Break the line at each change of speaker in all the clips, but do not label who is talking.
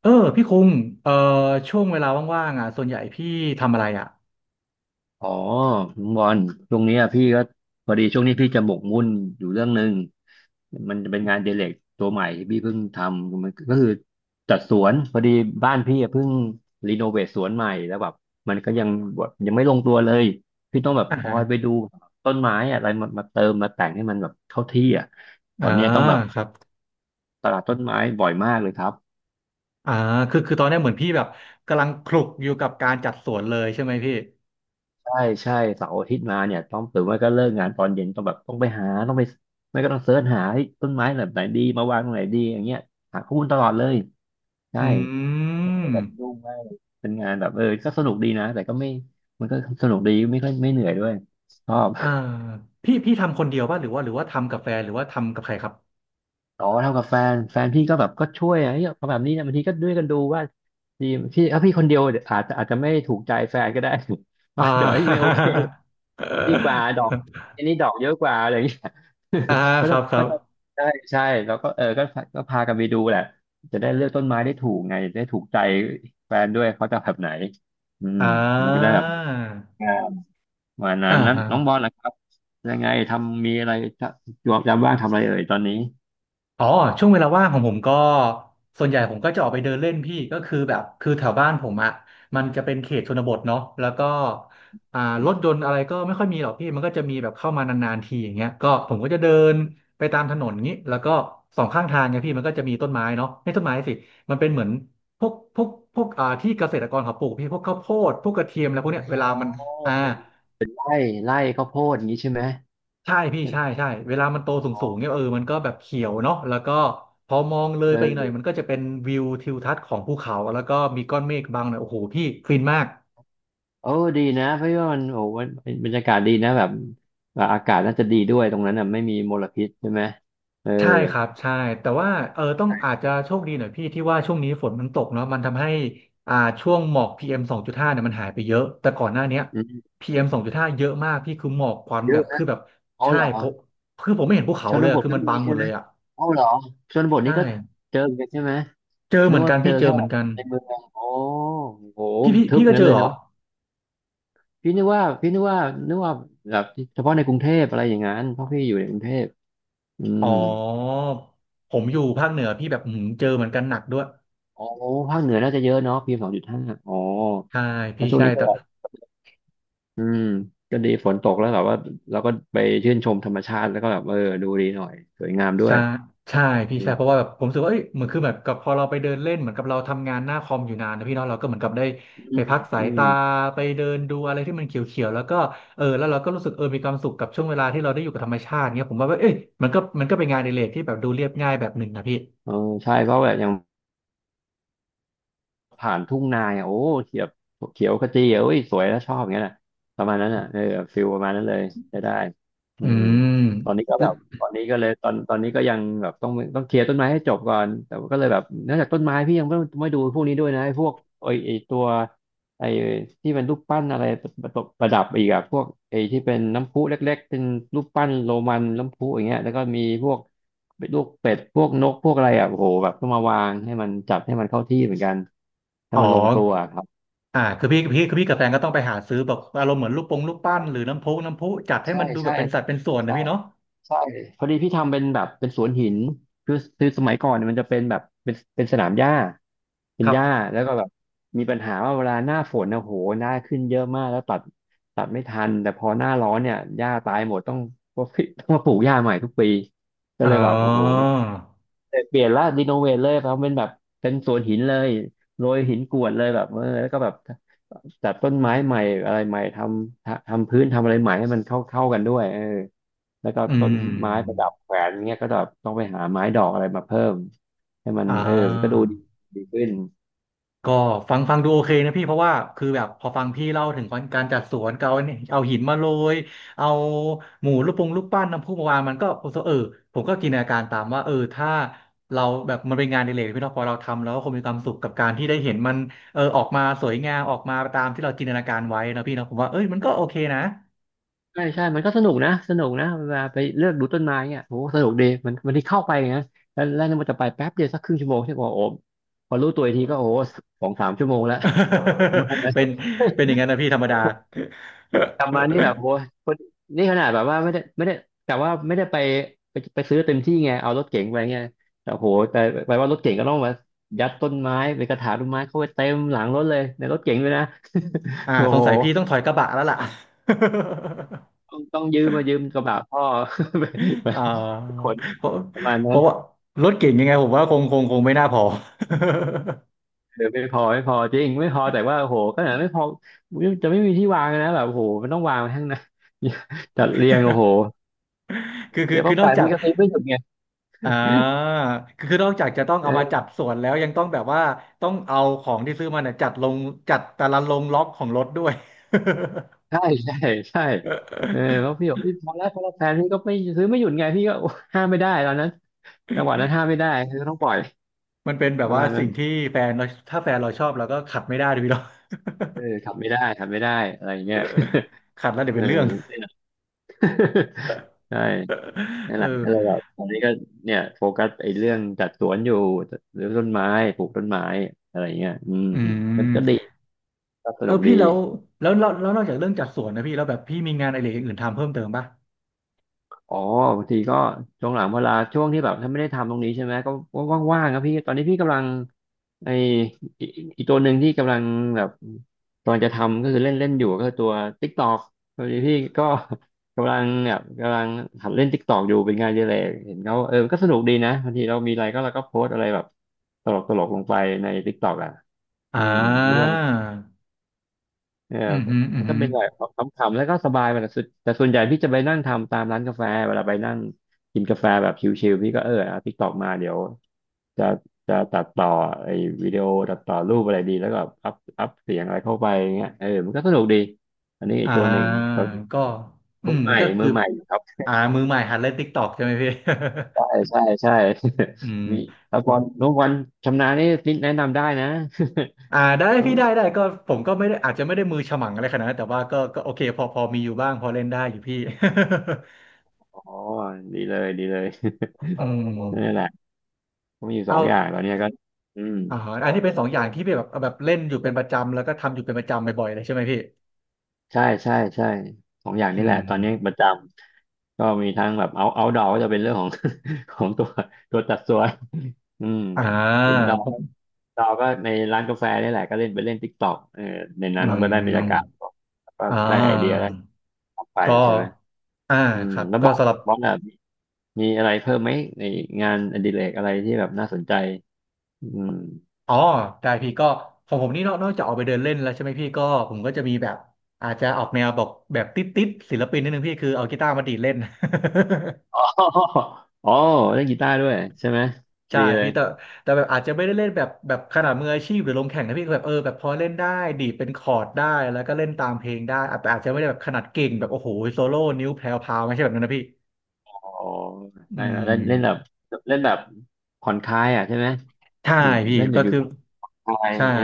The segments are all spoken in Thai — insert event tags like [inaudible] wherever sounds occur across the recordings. เออพี่คุงเอ่อช่วงเวลาว่างๆอ่ะส่วนใหญ่พี่ทำอะไรอ่ะ
อ๋อลุงบอลช่วงเนี้ยพี่ก็พอดีช่วงนี้พี่จะหมกมุ่นอยู่เรื่องหนึ่งมันจะเป็นงานเดเล็กตัวใหม่ที่พี่เพิ่งทำมันก็คือจัดสวนพอดีบ้านพี่อะเพิ่งรีโนเวทสวนใหม่แล้วแบบมันก็ยังแบบยังไม่ลงตัวเลยพี่ต้องแบบ
อ่า
คอ
ฮะ
ยไปดูต้นไม้อะไรมามาเติมมาแต่งให้มันแบบเข้าที่อ่ะตอ
อ่า
นเนี้ยต้องแบบ
ครับ
ตลาดต้นไม้บ่อยมากเลยครับ
อ่าคือตอนเนี้ยเหมือนพี่แบบกำลังคลุกอยู่กับการจัดสวนเลยใช่ไหมพี่
ใช่ใช่เสาร์อาทิตย์มาเนี่ยต้องหือไม่าก็เลิกงานตอนเย็นต้องแบบต้องไปหาต้องไปไม่ก็ต้องเสิร์ชหาเฮ้ยต้นไม้แบบไหนดีมาวางตรงไหนดีอย่างเงี้ยหาข้อมูลตลอดเลยใช่
อื
แล้วก็เลยแบบ
ม
ยุ่งมากเลยเป็นงานแบบเออก็สนุกดีนะแต่ก็ไม่มันก็สนุกดีไม่ค่อยไม่เหนื่อยด้วยชอบ
อ่าพี่ทำคนเดียวป่ะหรือว่าทำกับแฟนหรือว่าทำกับใครครับ
[laughs] ต่อเท่ากับแฟนแฟนพี่ก็แบบก็ช่วยอะเฮ้ยเอาแบบนี้นะบางทีก็ด้วยกันดูว่าดีพี่ถ้าพี่คนเดียวอาจจะไม่ถูกใจแฟนก็ได้ [laughs]
อ่
ว่าเดี๋ยวเอ้ยไม่โอ
า
เค ดีกว่าดอกอันนี้ดอกเยอะกว่าอะไรอย่างเงี้ย
[laughs] อ่า
[laughs] ก็จะ
ครั
ก็
บ
จะใช่ใช่แล้วก็เออก็พากันไปดูแหละจะได้เลือกต้นไม้ได้ถูกไงได้ถูกใจแฟนด้วยเขาจะแบบไหนอืม
อ่
มันจะได้
า
แบบอ่าวันนั้
อ่า
นนั้นน้องบ
ฮะ
อลนะครับยังไงทำมีอะไรจะจวบจำบ้างทำอะไรเอ่ยตอนนี้
อ๋อช่วงเวลาว่างของผมก็ส่วนใหญ่ผมก็จะออกไปเดินเล่นพี่ก็คือแบบคือแถวบ้านผมอ่ะมันจะเป็นเขตชนบทเนาะแล้วก็อ่า
อ
รถ
ม
ยนต์อะไรก็ไม่ค่อยมีหรอกพี่มันก็จะมีแบบเข้ามานานๆทีอย่างเงี้ยก็ผมก็จะเดินไปตามถนนงี้แล้วก็สองข้างทางเนี่ยพี่มันก็จะมีต้นไม้เนาะไม่ต้นไม้สิมันเป็นเหมือนพวกอ่าที่เกษตรกรเขาปลูกพี่พวกข้าวโพดพวกกระเทียมอะไรพวกเนี้ย
อ๋
เว
อ
ลามันอ่า
เป็นไร่ไร่ข้าวโพดอย่างนี้ใช่ไหม
ใช่พี่ใช่เวลามันโต
อ๋อ
สูงเนี่ยมันก็แบบเขียวเนาะแล้วก็พอมองเลยไปอีกหน่อย
เออ
มันก็จะเป็นวิวทิวทัศน์ของภูเขาแล้วก็มีก้อนเมฆบังหน่อยโอ้โหพี่ฟินมาก
โอ้ดีนะเพราะว่ามันโอ้มันบรรยากาศดีนะแบบแบบอากาศน่าจะดีด้วยตรงนั้นอ่ะไม่มีมลพิษใช่ไหมเออ
ใช่ครับใช่แต่ว่าต้องอา
ใช่
จจะโชคดีหน่อยพี่ที่ว่าช่วงนี้ฝนมันตกเนาะมันทำให้อ่าช่วงหมอก PM 2.5เอ็มสองจุดห้าเนี่ยมันหายไปเยอะแต่ก่อนหน้าเนี้ย
อืม
PM 2.5เอ็มสองจุดห้าเยอะมากพี่คือหมอกควัน
เย
แบ
อะ
บคื
นะ
อแบบ
เอา
ใช่
เหรอ
ผมคือผมไม่เห็นภูเขา
ช
เล
น
ย
บ
อะ
ท
คือ
ก็
มัน
มี
บังหม
ใช่
ด
ไห
เล
ม
ยอ่ะ
เอาเหรอชนบท
ใช่
นี่ก็เจอเหมือนกันใช่ไหม
เจอ
นึ
เหมื
ก
อน
ว่า
กัน
เจอ
พี่เจอ
แค่
เหมือนกัน
ในเมืองโอ้โห
พี่
ทึ
พี่
บ
ก็
งั้
เจ
นเล
อ
ย
เหรอ
เนาะพี่นึกว่านึกว่าแบบเฉพาะในกรุงเทพอะไรอย่างนั้นเพราะพี่อยู่ในกรุงเทพอื
อ๋อ
ม
ผมอยู่ภาคเหนือพี่แบบอื้อหือเจอเหมือนกันหนักด้วย
โอ้ภาคเหนือน่าจะเยอะเนาะพีเอ็มสองจุดห้าอ๋อ
ใช่
แล้
พี่
วช่วง
ใช่
นี้ก็
แต่
อืมก็ดีฝนตกแล้วแบบว่าเราก็ไปชื่นชมธรรมชาติแล้วก็แบบเออดูดีหน่อยสวยงามด้ว
ใช่
ย
ใช่พี่
อื
ใช่
ม
เพราะว่าแบบผมรู้สึกว่าเอ้ยเหมือนคือแบบกับพอเราไปเดินเล่นเหมือนกับเราทำงานหน้าคอมอยู่นานนะพี่เนาะเราก็เหมือนกับได้
อื
ไป
ม
พักสา
อื
ย
ม
ตาไปเดินดูอะไรที่มันเขียวๆแล้วก็แล้วเราก็รู้สึกมีความสุขกับช่วงเวลาที่เราได้อยู่กับธรรมชาติเงี้ยผมว่าเอ้ยมันก็เป็นงานอดิเรกที่แบบดูเรียบง่ายแบบหนึ่งนะพี่
เออใช่เพราะแบบอย่าง ผ่านทุ่งนาอ่ะโอ้เขียวเขียวขจีอ่ะโอ้ยสวยแล้วชอบอย่างเงี้ยนะประมาณนั้นอ่ะเออฟิลประมาณนั้นเลยได้ได้อื
อื
ม
ม
ตอนนี้ก็แบบตอนนี้ก็เลยตอนตอนนี้ก็ยังแบบต้องเคลียร์ต้นไม้ให้จบก่อนแต่ว่าก็เลยแบบนอกจากต้นไม้พี่ยังไม่ไม่ดูพวกนี้ด้วยนะไอ้พวกไอ้ไอ้ตัวไอ้ที่เป็นรูปปั้นอะไรประดับอีกอะพวกไอ้ที่เป็นน้ำพุเล็กๆเป็นรูปปั้นโรมันน้ำพุอย่างเงี้ยแล้วก็มีพวก เป็นลูกเป็ดพวกนกพวกอะไรอ่ะโอ้โหแบบต้องมาวางให้มันจัดให้มันเข้าที่เหมือนกันให้
อ๋อ
มันลงตัวครับ
อ่าคือพี่คือพี่กับแฟนก็ต้องไปหาซื้อแบบอารมณ์เหมือนลูกปงลูกปั้นหรือน้ำพุจัดให้
ใช่
มันดูแบ
ใช่
บเป็นสัดเป็นส่วนนะ
ใช่
พี่เนาะ
ใช่พอดีพี่ทำเป็นแบบเป็นสวนหินคือสมัยก่อนเนี่ยมันจะเป็นแบบเป็นสนามหญ้าเป็
ค
น
รั
ห
บ
ญ้าแล้วก็แบบมีปัญหาว่าเวลาหน้าฝนนะโหหน้าขึ้นเยอะมากแล้วตัดตัดไม่ทันแต่พอหน้าร้อนเนี่ยหญ้าตายหมดต้องมาปลูกหญ้าใหม่ทุกปีก็
อ๋อ
เลยแบบโอ้โห เปลี่ยนละรีโนเวทเลยเพราะเป็นแบบเป็นสวนหินเลยโรยหินกรวดเลยแบบเออแล้วก็แบบจัดต้นไม้ใหม่อะไรใหม่ทำพื้นทำอะไรใหม่ให้มันเข้ากันด้วยเออแล้วก็
อื
ต้นไม้ประ
ม
ดับแขวนเงี้ยก็แบบต้องไปหาไม้ดอกอะไรมาเพิ่มให้มัน
อ่า
เออมันก็ดูดีดีขึ้น
ก็ฟังดูโอเคนะพี่เพราะว่าคือแบบพอฟังพี่เล่าถึงการจัดสวนก็เอาเนี่ยเอาหินมาโรยเอาหมูรูปปงรูปปั้นน้ำพุมาวางมันก็เออผมก็จินตนาการตามว่าเออถ้าเราแบบมันเป็นงานอดิเรกพี่เนาะพอเราทำแล้วก็คงมีความสุขกับการที่ได้เห็นมันเออออกมาสวยงามออกมาตามที่เราจินตนาการไว้นะพี่เนาะผมว่าเอ้ยมันก็โอเคนะ
ใช่ใช่มันก็สนุกนะสนุกนะเวลาไปเลือกดูต้นไม้เงี้ยโอ้สนุกดีมันที่เข้าไปนะแล้วเนี่ยมันจะไปแป๊บเดียวสักครึ่งชั่วโมงใช่ป่ะโอ้โหพอรู้ตัวอีกทีก็โอ้โหสองสามชั่วโมงแล้วประมาณนั้
[laughs]
น
เป็นเป็นอย่างนั้นนะพี่ธรรมดา
กลับมานี่แบบโว้ยนี่ขนาดแบบว่าไม่ได้กะว่าไม่ได้ไปไปซื้อเต็มที่ไงเอารถเก๋งไปไงแต่โหแต่แปลว่ารถเก๋งก็ต้องมายัดต้นไม้ไปกระถางต้นไม้เข้าไปเต็มหลังรถเลยในรถเก๋งเลยนะ
อ่า
โอ้
สง
โห
สัยพี่ต้องถอยกระบะแล้วล่ะ
ต้องยืมมายืมกระบะพ่อ [laughs] ไปไป
อ่า
ขน
เพราะ
ประมาณ
เพ
นั้น
ราะว่ารถเก่งยังไงผมว่าคงไม่น่าพอ
เออไม่พอไม่พอจริงไม่พอแต่ว่าโอ้โหขนาดไม่พอจะไม่มีที่วางนะแบบโอ้โหมันต้องวางไว้ข้างในา [laughs] จัดเรียงโอ้โห
[laughs] คือคื
เดี๋
อ
ยวพ
คื
อ
อนอ
แปะ
กจาก
ที่ก็ซื้อไม่หยุดไง
อ่าคือนอกจากจะต้องเอามาจัดส่วนแล้วยังต้องแบบว่าต้องเอาของที่ซื้อมาเนี่ยจัดลงจัดแต่ละลงล็อกของรถด้วย
ใช่ [laughs] ใช่ใช่เออแล้วพี่บอกพี่พอแล้วพอแล้วแฟนพี่ก็ไม่ซื้อไม่หยุดไงพี่ก็โอ้ห้ามไม่ได้ตอนนั้นจังหวะนั้นห้ามไม่ได้คือต้องปล่อย
[laughs] มันเป็นแบ
ป
บ
ระ
ว่า
มาณนั้
สิ่ง
น
ที่แฟนเราถ้าแฟนเราชอบเราก็ขัดไม่ได้ดิพี่เนาะ
เออขับไม่ได้ขับไม่ได้อะไรอย่างเงี้ย
[laughs] ขัดแล้วเดี๋ยว
เอ
เป็นเรื่อง
อ [laughs] ใช่นั่
[laughs]
น
เอ
แหละ
อ
ก็เลยแบบตอนนี้ก็เนี่ยโฟกัสไอ้เรื่องจัดสวนอยู่หรือต้นไม้ปลูกต้นไม้อะไรอย่างเงี้ยอืม
อื
ก็ดี
ม
ก็ส
เออ
นุกดี
พี่แล้วนอกจากเรื่องจัดสวนนะพี่แล้วแบบพี่มีงานอะไรอย่างอื่นทำเพิ่มเติมป่ะ
อ๋อบางทีก็ช่วงหลังเวลาช่วงที่แบบถ้าไม่ได้ทำตรงนี้ใช่ไหมก็ก็ว่างๆครับพี่ตอนนี้พี่กำลังไออีอีกตัวหนึ่งที่กำลังแบบตอนจะทำก็คือเล่นเล่นอยู่ก็คือตัว TikTok พอดีพี่ก็ [laughs] กำลังแบบกำลังหัดเล่น TikTok อยู่เป็นงานอดีเลยเห็นเขาเออมันก็สนุกดีนะบางทีเรามีอะไรก็เราก็โพสต์อะไรแบบตลกลงไปใน TikTok อ่ะ
อ่
อืมพี่
า
ว่ามัน เออ
อือฮึอื
มั
ม
นก็
ฮึอ
เป็นแบบขำๆแล้วก็สบายไปแต่สุดแต่ส่วนใหญ่พี่จะไปนั่งทำตามร้านกาแฟเวลาไปนั่งกินกาแฟแบบชิลๆพี่ก็เออเอาติ๊กตอกมาเดี๋ยวจะจะตัดต่อไอ้วิดีโอตัดต่อรูปอะไรดีแล้วก็อัพเสียงอะไรเข้าไปอย่างเงี้ยเออมันก็สนุกดีอันนี้อีก
่
ตัวหนึ่ง
า
เขา
ก็
มือใหม่
ก็
มื
คือ
อใหม่ครับ
อ่ามือใหม่หัดเล่นติ๊กตอกใช่ไหมพี่
ใช่
[laughs]
ใช่ใช่
อื
[laughs]
ม
มีแล้วพอน้องวันชำนาญนี่แนะนำได้นะ
อ่าได้
[laughs] ต้อง
พี่ได้ก็ผมก็ไม่ได้อาจจะไม่ได้มือฉมังอะไรขนาดนั้นแต่ว่าก็โอเคพอมีอยู่บ้างพอเล่นได้อยู่พี่
อ๋อดีเลยดีเลย
[laughs] อื
[laughs] นั่นแห
ม
ละก็มีอยู่สองอย่าง
เอา
ตอนเนี้ยก็อืม
อ่าอันนี้เป็นสองอย่างที่พี่แบบเล่นอยู่เป็นประจำแล้วก็ทำอยู่เป็นประจำบ่อยๆเลยใช่ไหมพี่
ใช่ใช่สองอย่าง
อื
นี้แหละ
ม
ตอนนี้ประจำก็มีทั้งแบบเอาดอก็จะเป็นเรื่องของ [laughs] ของตัวจัดสวนอืม
อ่า
อินดอ
ผ
ร์
ม
ดอก็ในร้านกาแฟนี่แหละก็เล่นไปเล่นติ๊กต็อกเออใน
อื
นั้นก็ได้บรรยากาศ
ม
แล้วก็
อ่า
ได้ไอเดียได้ออกไป
ก็
ใช่ไหม
อ่า
อืม
ครับ
แล้ว
ก็
บอก
สำหรับ
บอกแบบมีอะไรเพิ่มไหมในงานอดิเรกอะไรที่แบบน่าสนใจอืม
อ๋อได้พี่ก็ของผมนี่นอกจากออกไปเดินเล่นแล้วใช่ไหมพี่ก็ผมก็จะมีแบบอาจจะออกแนวบอกแบบติดศิลปินนิดนึงพี่คือเอากีตาร์มาดีดเล่น [laughs]
[laughs] อ๋ออ๋อเล่นกีตาร์ด้วยใช่ไหม
ใช่
ดีเลย
พี่แต่แบบอาจจะไม่ได้เล่นแบบขนาดมืออาชีพหรือลงแข่งนะพี่ก็แบบแบบพอเล่นได้ดีดเป็นคอร์ดได้แล้วก็เล่นตามเพลงได้อาจแต่อาจจะไม่ได้แบบขนาดเก่งแบบโอ้โหโซโล่นิ้วแพรวพราวไม่ใช่แบบนั้นนะพี่
อ๋อ
อื
ใช่แล้วเล่นเล่นแบบ
ม
เล่นแบบผ่อนคลายอ่ะใช่ไหม
ใช่
อยู่
พี่
เล่นอยู่
ก็
อยู่
คือ
บ้านคลาย
ใช่
เออ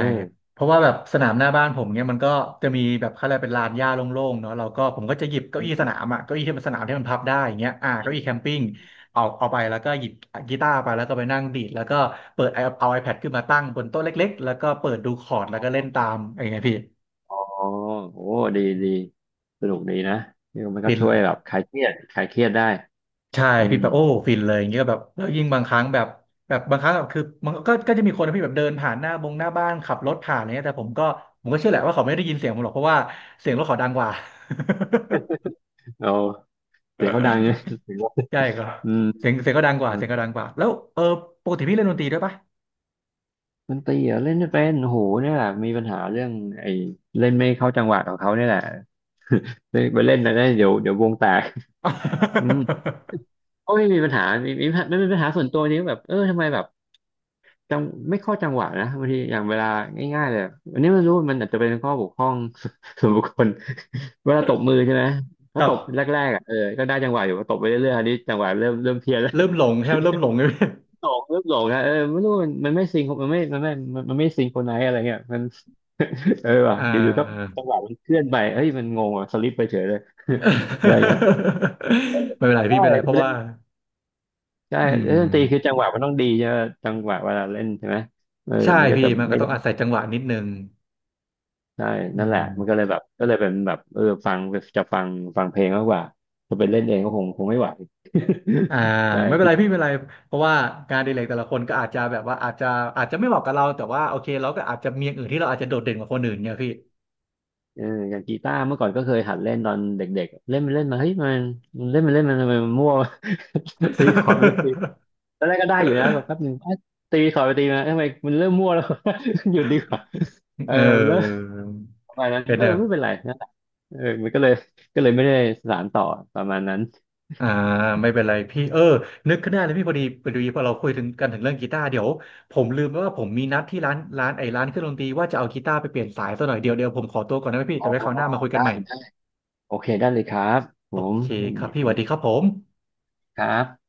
เพราะว่าแบบสนามหน้าบ้านผมเนี่ยมันก็จะมีแบบเขาเรียกเป็นลานหญ้าโล่งๆเนาะเราก็ผมก็จะหยิบเก้า
อื
อี้สนา
ม
มอ่ะเก้าอี้ที่มันสนามที่มันพับได้อย่างเงี้ย
อื
เก้า
ม
อี้แคมปิ้ง
อืม
เอาไปแล้วก็หยิบกีตาร์ไปแล้วก็ไปนั่งดีดแล้วก็เปิดไอเอาไอแพดขึ้นมาตั้งบนโต๊ะเล็กๆแล้วก็เปิดดูคอ
อ๋
ร์ดแล้ว
อ
ก็เล่นตามอย่างเงี้ยพี่
อ๋อโอ้ดีดีสนุกดีนะนี่มันก็
ฟิน
ช่วยแบบคลายเครียดคลายเครียดได้
ใช่
อื
พี่
ม
แบบโอ้ฟินเลยอย่างเงี้ยแบบแล้วยิ่งบางครั้งแบบบางครั้งแบบคือมันก็จะมีคนนะพี่แบบเดินผ่านหน้าบ้านขับรถผ่านอะไรเงี้ยแต่ผมก็เชื่อแหละว่าเขาไม่ได้ยินเสียงผมหรอกเพราะว่าเสียงรถเขาดังกว่า
เราเสียงเขาดัง [laughs] เนี่ย
[laughs]
งว่า
ใช่ก็
อืม
เสียงก็ดังกว่า
อื
เสี
ม
ยงก็ดังกว่าแล้วปกติพี่เล่นดนตรีด้วยปะ
ดนตรีเหรอเล่นไม่เป็นโอ้โหเนี่ยแหละมีปัญหาเรื่องไอ้เล่นไม่เข้าจังหวะของเขาเนี่ยแหละไปไปเล่นนะเดี๋ยววงแตก [laughs] อืม
[laughs]
ก็ไม่มีปัญหามีมีปัญหาไม่เป็นปัญหาส่วนตัวนี้แบบเออทำไมแบบ จังไม่เข้าจังหวะนะบางทีอย่างเวลาง่ายๆเลยอันนี้ไม่รู้มันอาจจะเป็นข้อบกพร่อง [laughs] ส่วนบุคคลเวลาตบมือใช่ไหม
ค
ถ้า
รั
ต
บ
บแรกๆอ่ะเออก็ได้จังหวะอยู่พอตบไปเรื่อยๆอันนี้จังหวะเริ่มเพี้ยนแล้ว
เริ่มหลงใช่ไหมเริ่มหลงเลย [laughs] พี่
[laughs] หลงเริ่มหลงนะเออไม่รู้มันไม่ซิงค์มันไม่ซิงโคนไหนซ์อะไรเงี้ยมันเออว่ะ
อ่
อยู่ๆก็
า
จังหวะมันเคลื่อนไปเฮ้ยมันงงอ่ะสลิปไปเฉยเลย [laughs] อะไรเงี้ย
[laughs] ไม่เป็นไร
ใช่
พี่ไม่เป็นไรเพ
ไป
ราะ
เล่
ว่า
นใช่
อื
เล่นดนตรีคือ
ม
จังหวะมันต้องดีใช่ไหมจังหวะเวลาเล่นใช่ไหมเออ
ใช่
มันก็
พี่
จะ
มันก็
ไม่
ต้อ
ได้
งอาศัยจังหวะนิดนึง
ใช่
อื
นั่นแหละ
ม
มันก็เลยแบบก็เลยเป็นแบบเออฟังจะฟังฟังเพลงมากกว่าจะไปเล่นเองก็คงไม่ไหว
อ่า
[laughs] ใช่
ไม่เป็น
คิ
ไร
ด
พี่ไม่เป็นไรเพราะว่างานอดีเลกแต่ละคนก็อาจจะอาจจะไม่เหมาะกับเราแต่ว่าโอเคเราก็อาจจะมีอย่างอื่นที่เราอาจจะโดดเด่นกว่าคนอื่นเนี่ยพี่
เอออย่างกีตาร์เมื่อก่อนก็เคยหัดเล่นตอนเด็กๆเล่นไปเล่นมาเฮ้ยมันมันเล่นไปเล่นมันทำไมมันมั่ว [laughs] ตีคอร์ดไปตีตอนแรกก็ได้อยู่นะแบบแป๊บนึงเอ๊ะตีคอร์ดไปตีมาทำไมมันเริ่มมั่วแล้ว [laughs] หยุดดีกว่าเอ
[laughs]
อ
เ
เลิก
ออ
ประมาณนั้น
เป็น
เออ
แบบ
ไม่เป็นไรนั่นแหละเออมันก็เลยก็เลยไม่ได้สานต่อประมาณนั้น
อ่าไม่เป็นไรพี่เออนึกขึ้นได้เลยพี่พอดีพอเราคุยถึงกันถึงเรื่องกีตาร์เดี๋ยวผมลืมไปว่าผมมีนัดที่ร้านไอ้ร้านเครื่องดนตรีว่าจะเอากีตาร์ไปเปลี่ยนสายซะหน่อยเดี๋ยวผมขอตัวก่อนนะพี่
อ๋อ
แต่ไว้คราวหน้ามาคุยกั
ได้
นใหม่
ได้โอเคได้เลยครับผ
โอ
ม
เค
ผม
ครับพี่
ยิ
ส
น
วัสดีครับ
ดี
ผม
ครับ